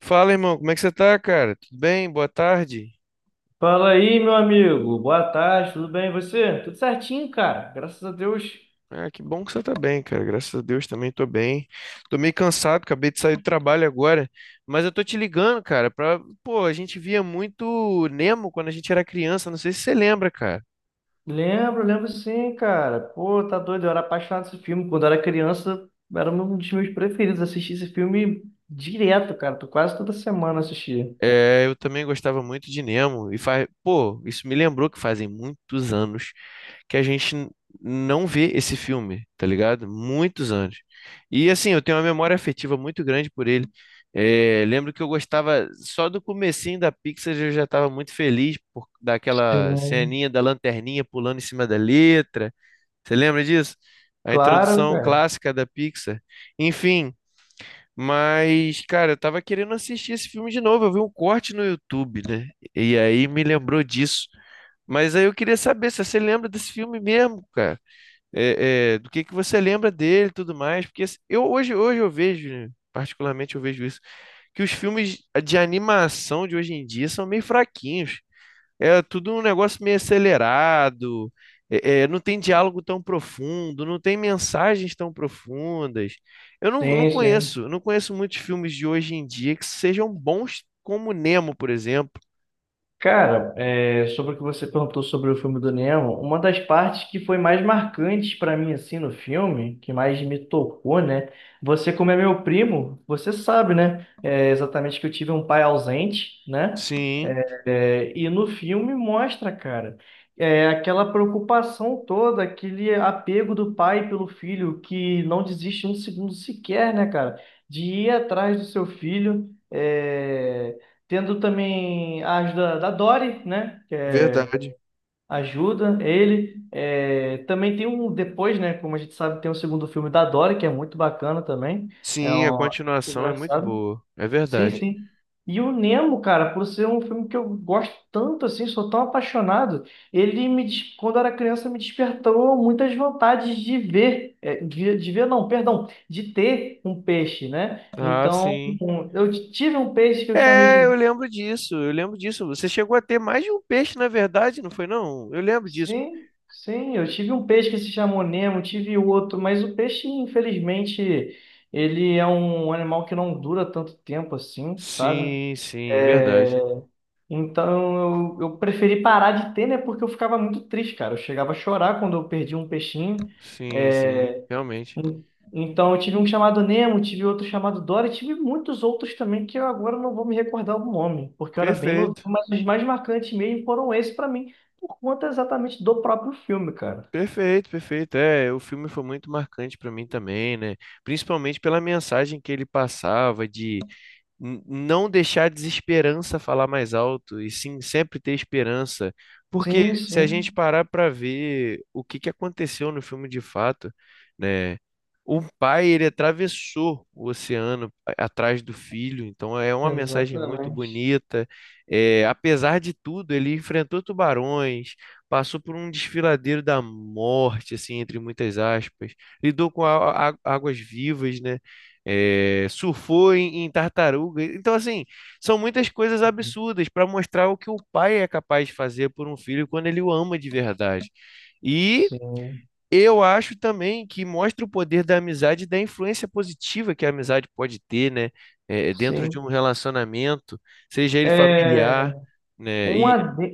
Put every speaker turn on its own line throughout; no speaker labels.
Fala, irmão, como é que você tá, cara? Tudo bem? Boa tarde.
Fala aí, meu amigo. Boa tarde, tudo bem? E você? Tudo certinho, cara. Graças a Deus.
Ah, que bom que você tá bem, cara. Graças a Deus também tô bem. Tô meio cansado, acabei de sair do trabalho agora, mas eu tô te ligando, cara, pra... Pô, a gente via muito Nemo quando a gente era criança, não sei se você lembra, cara.
Lembro, lembro sim, cara. Pô, tá doido. Eu era apaixonado por esse filme. Quando eu era criança, era um dos meus preferidos. Assisti esse filme direto, cara. Tô quase toda semana assistia.
É, eu também gostava muito de Nemo e faz, pô, isso me lembrou que fazem muitos anos que não vê esse filme, tá ligado? Muitos anos. E assim, eu tenho uma memória afetiva muito grande por ele. É, lembro que eu gostava só do comecinho da Pixar, eu já estava muito feliz por daquela
Sim.
ceninha da lanterninha pulando em cima da letra. Você lembra disso? A
Claro,
introdução
cara.
clássica da Pixar. Enfim, mas, cara, eu tava querendo assistir esse filme de novo. Eu vi um corte no YouTube, né? E aí me lembrou disso. Mas aí eu queria saber se você lembra desse filme mesmo, cara. Do que você lembra dele e tudo mais? Porque assim, eu hoje eu vejo, né, particularmente eu vejo isso, que os filmes de animação de hoje em dia são meio fraquinhos. É tudo um negócio meio acelerado, não tem diálogo tão profundo, não tem mensagens tão profundas. Eu não, Não
Sim, sim.
conheço, não conheço muitos filmes de hoje em dia que sejam bons como Nemo, por exemplo.
Cara, é, sobre o que você perguntou sobre o filme do Nemo, uma das partes que foi mais marcante pra mim assim no filme, que mais me tocou, né? Você, como é meu primo, você sabe, né? É, exatamente que eu tive um pai ausente, né?
Sim,
É, e no filme mostra, cara, é, aquela preocupação toda, aquele apego do pai pelo filho, que não desiste um segundo sequer, né, cara, de ir atrás do seu filho, é, tendo também a ajuda da Dory, né, que é,
verdade.
ajuda ele. É, também tem um, depois, né, como a gente sabe, tem um segundo filme da Dory, que é muito bacana também, é
Sim, a
um,
continuação é muito
engraçado.
boa, é
Sim,
verdade.
sim. E o Nemo, cara, por ser um filme que eu gosto tanto assim, sou tão apaixonado, quando eu era criança, me despertou muitas vontades de ver, é, de ver não, perdão, de ter um peixe, né?
Ah,
Então,
sim.
eu tive um peixe que eu chamei
Eu
de...
lembro disso, eu lembro disso. Você chegou a ter mais de um peixe, na verdade, não foi não? Eu lembro disso.
Sim, sim, eu tive um peixe que se chamou Nemo, tive outro, mas o peixe, infelizmente, ele é um animal que não dura tanto tempo assim, sabe?
Sim, sim,
É,
verdade.
então eu preferi parar de ter, né? Porque eu ficava muito triste, cara. Eu chegava a chorar quando eu perdi um peixinho.
Sim, sim,
É,
realmente.
en- Então eu tive um chamado Nemo, tive outro chamado Dory, tive muitos outros também que eu agora não vou me recordar o nome, porque eu era bem novo,
Perfeito,
mas os mais marcantes mesmo foram esses pra mim, por conta exatamente do próprio filme, cara.
perfeito, perfeito. É, o filme foi muito marcante para mim também, né? Principalmente pela mensagem que ele passava de não deixar a desesperança falar mais alto, e sim sempre ter esperança. Porque
Sim,
se a gente
sim,
parar para ver o que que aconteceu no filme de fato, né? O pai, ele atravessou o oceano atrás do filho, então é uma mensagem muito
exatamente.
bonita. É, apesar de tudo, ele enfrentou tubarões, passou por um desfiladeiro da morte, assim, entre muitas aspas, lidou com águas vivas, né? Surfou em, em tartaruga. Então, assim, são muitas coisas absurdas para mostrar o que o pai é capaz de fazer por um filho quando ele o ama de verdade. E
Sim,
eu acho também que mostra o poder da amizade e da influência positiva que a amizade pode ter, né? Dentro de
sim.
um relacionamento, seja ele familiar,
é
né?
Um
E
adendo,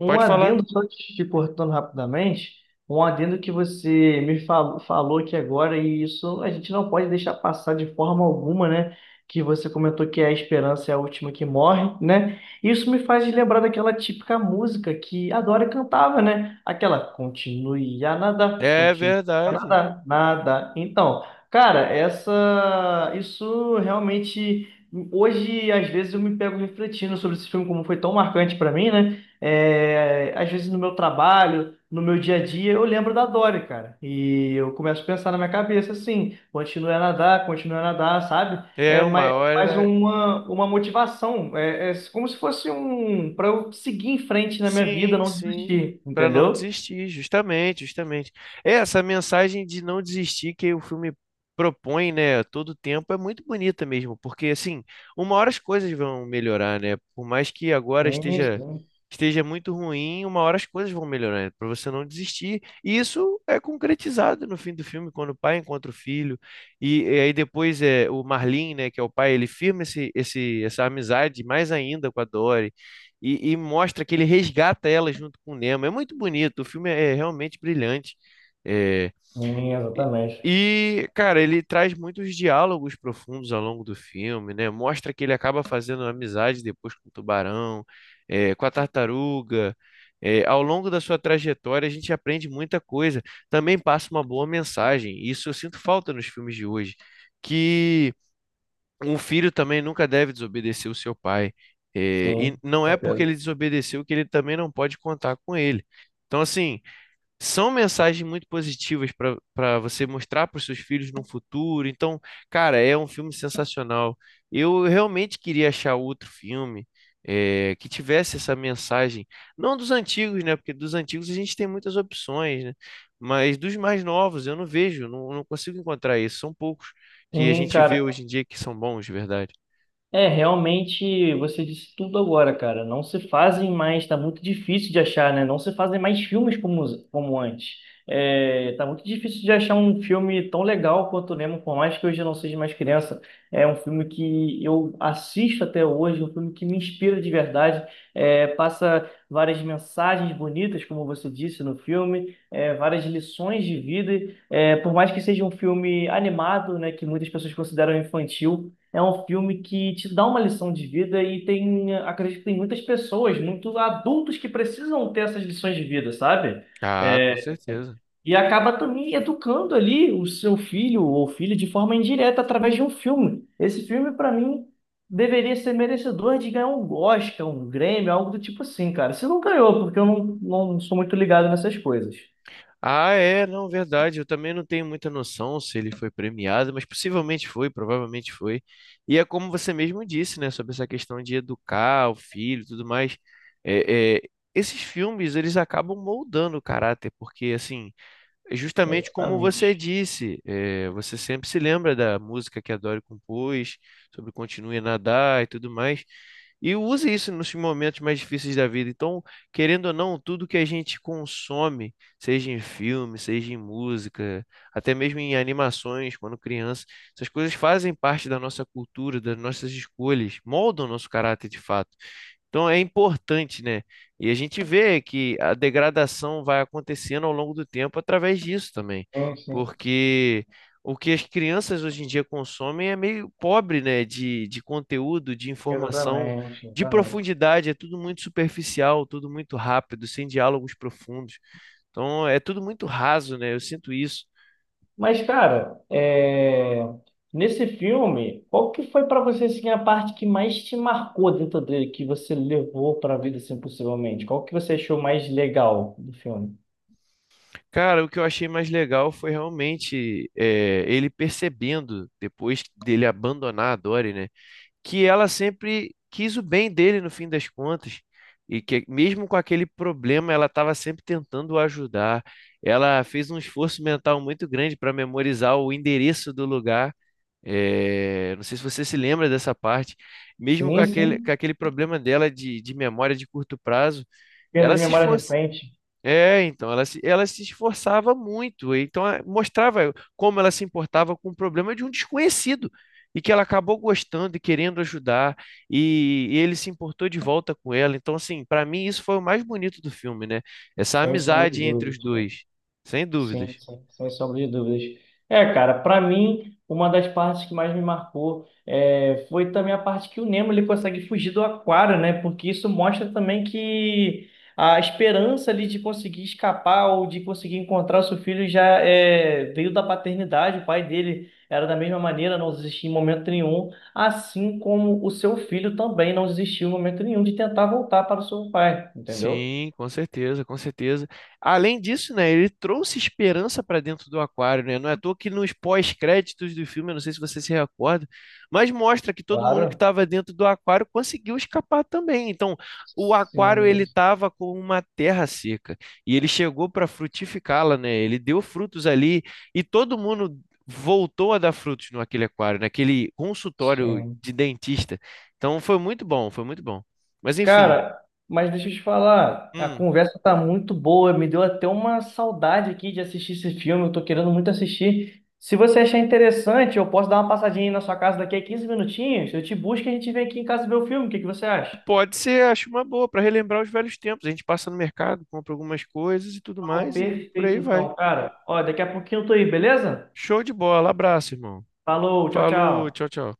um
pode falar.
adendo, só te cortando rapidamente, um adendo que você me falou, falou aqui agora, e isso a gente não pode deixar passar de forma alguma, né? Que você comentou que é a esperança é a última que morre, né? Isso me faz lembrar daquela típica música que a Dora cantava, né? Aquela
É
continue a
verdade.
nadar, nada. Então, cara, essa, isso realmente. Hoje, às vezes, eu me pego refletindo sobre esse filme, como foi tão marcante para mim, né? É, às vezes, no meu trabalho, no meu dia a dia, eu lembro da Dory, cara. E eu começo a pensar na minha cabeça assim: continue a nadar, sabe?
É
É
uma
mais
hora.
uma motivação. É como se fosse para eu seguir em frente na minha vida,
Sim,
não
sim.
desistir,
Para não
entendeu?
desistir, justamente, justamente. É, essa mensagem de não desistir que o filme propõe, né, a todo tempo é muito bonita mesmo, porque assim, uma hora as coisas vão melhorar, né? Por mais que agora
Sim,
esteja
sim,
esteja muito ruim, uma hora as coisas vão melhorar, para você não desistir. E isso é concretizado no fim do filme, quando o pai encontra o filho e aí depois é o Marlin, né, que é o pai, ele firma esse, esse essa amizade mais ainda com a Dory e mostra que ele resgata ela junto com o Nemo. É muito bonito, o filme é realmente brilhante. É,
sim, exatamente.
e, cara, ele traz muitos diálogos profundos ao longo do filme, né? Mostra que ele acaba fazendo amizade depois com o tubarão, com a tartaruga. É, ao longo da sua trajetória, a gente aprende muita coisa. Também passa uma boa mensagem. Isso eu sinto falta nos filmes de hoje, que um filho também nunca deve desobedecer o seu pai. E
Sim,
não é porque
certeza.
ele desobedeceu que ele também não pode contar com ele. Então, assim, são mensagens muito positivas para você mostrar para os seus filhos no futuro. Então, cara, é um filme sensacional. Eu realmente queria achar outro filme que tivesse essa mensagem, não dos antigos, né? Porque dos antigos a gente tem muitas opções, né? Mas dos mais novos eu não vejo, não consigo encontrar isso. São poucos que a
Sim,
gente vê
cara,
hoje em dia que são bons de verdade.
é, realmente, você disse tudo agora, cara. Não se fazem mais, tá muito difícil de achar, né? Não se fazem mais filmes como, como antes. É, tá muito difícil de achar um filme tão legal quanto o Nemo, por mais que hoje eu não seja mais criança. É um filme que eu assisto até hoje, um filme que me inspira de verdade. É, passa várias mensagens bonitas, como você disse no filme, é, várias lições de vida. É, por mais que seja um filme animado, né, que muitas pessoas consideram infantil. É um filme que te dá uma lição de vida e tem, acredito que tem muitas pessoas, muitos adultos que precisam ter essas lições de vida, sabe?
Ah, com
É,
certeza.
e acaba também educando ali o seu filho ou filha de forma indireta através de um filme. Esse filme, para mim, deveria ser merecedor de ganhar um Oscar, um Grêmio, algo do tipo assim, cara. Se não ganhou, porque eu não sou muito ligado nessas coisas.
Ah, é, não, verdade. Eu também não tenho muita noção se ele foi premiado, mas possivelmente foi, provavelmente foi. E é como você mesmo disse, né, sobre essa questão de educar o filho e tudo mais. É, é, esses filmes, eles acabam moldando o caráter, porque, assim, é justamente como você
Exatamente.
disse, você sempre se lembra da música que a Dory compôs, sobre continue a nadar e tudo mais, e use isso nos momentos mais difíceis da vida. Então, querendo ou não, tudo que a gente consome, seja em filme, seja em música, até mesmo em animações, quando criança, essas coisas fazem parte da nossa cultura, das nossas escolhas, moldam o nosso caráter de fato. Então é importante, né? E a gente vê que a degradação vai acontecendo ao longo do tempo através disso também,
Sim, sim,
porque o que as crianças hoje em dia consomem é meio pobre, né? De conteúdo, de informação,
exatamente,
de
exatamente.
profundidade, é tudo muito superficial, tudo muito rápido, sem diálogos profundos. Então é tudo muito raso, né? Eu sinto isso.
Mas, cara, é, nesse filme, qual que foi pra você assim, a parte que mais te marcou dentro dele, que você levou pra vida, assim, possivelmente? Qual que você achou mais legal do filme?
Cara, o que eu achei mais legal foi realmente ele percebendo, depois dele abandonar a Dory, né? Que ela sempre quis o bem dele no fim das contas. E que mesmo com aquele problema, ela estava sempre tentando o ajudar. Ela fez um esforço mental muito grande para memorizar o endereço do lugar. É, não sei se você se lembra dessa parte. Mesmo
Sim,
com
sim.
aquele problema dela de memória de curto prazo,
Perda
ela
de
se
memória
esfor-
recente,
é, então, ela se esforçava muito, então mostrava como ela se importava com o problema de um desconhecido, e que ela acabou gostando e querendo ajudar, e ele se importou de volta com ela. Então, assim, para mim isso foi o mais bonito do filme, né? Essa
sem sombra de
amizade entre
dúvida.
os dois, sem
Sim,
dúvidas.
sim, sem sombra de dúvidas. É, cara, pra mim, uma das partes que mais me marcou foi também a parte que o Nemo ele consegue fugir do aquário, né? Porque isso mostra também que a esperança ali de conseguir escapar ou de conseguir encontrar o seu filho já é, veio da paternidade. O pai dele era da mesma maneira, não desistia em momento nenhum, assim como o seu filho também não desistiu em momento nenhum de tentar voltar para o seu pai, entendeu?
Sim, com certeza, com certeza. Além disso, né, ele trouxe esperança para dentro do aquário, né? Não é à toa que nos pós-créditos do filme, eu não sei se você se recorda, mas mostra que todo mundo que
Claro.
estava dentro do aquário conseguiu escapar também. Então, o aquário
Sim,
ele estava com uma terra seca e ele chegou para frutificá-la, né? Ele deu frutos ali e todo mundo voltou a dar frutos no aquele aquário, naquele consultório
sim.
de dentista. Então, foi muito bom, foi muito bom. Mas enfim,
Cara, mas deixa eu te falar, a
hum.
conversa tá muito boa, me deu até uma saudade aqui de assistir esse filme, eu tô querendo muito assistir. Se você achar interessante, eu posso dar uma passadinha aí na sua casa daqui a 15 minutinhos, eu te busco e a gente vem aqui em casa ver o filme, o que que você acha?
Pode ser, acho uma boa, para relembrar os velhos tempos. A gente passa no mercado, compra algumas coisas e tudo
Não,
mais, e por
perfeito
aí vai.
então, cara. Ó, daqui a pouquinho eu tô aí, beleza?
Show de bola, abraço, irmão.
Falou, tchau,
Falou,
tchau.
tchau, tchau.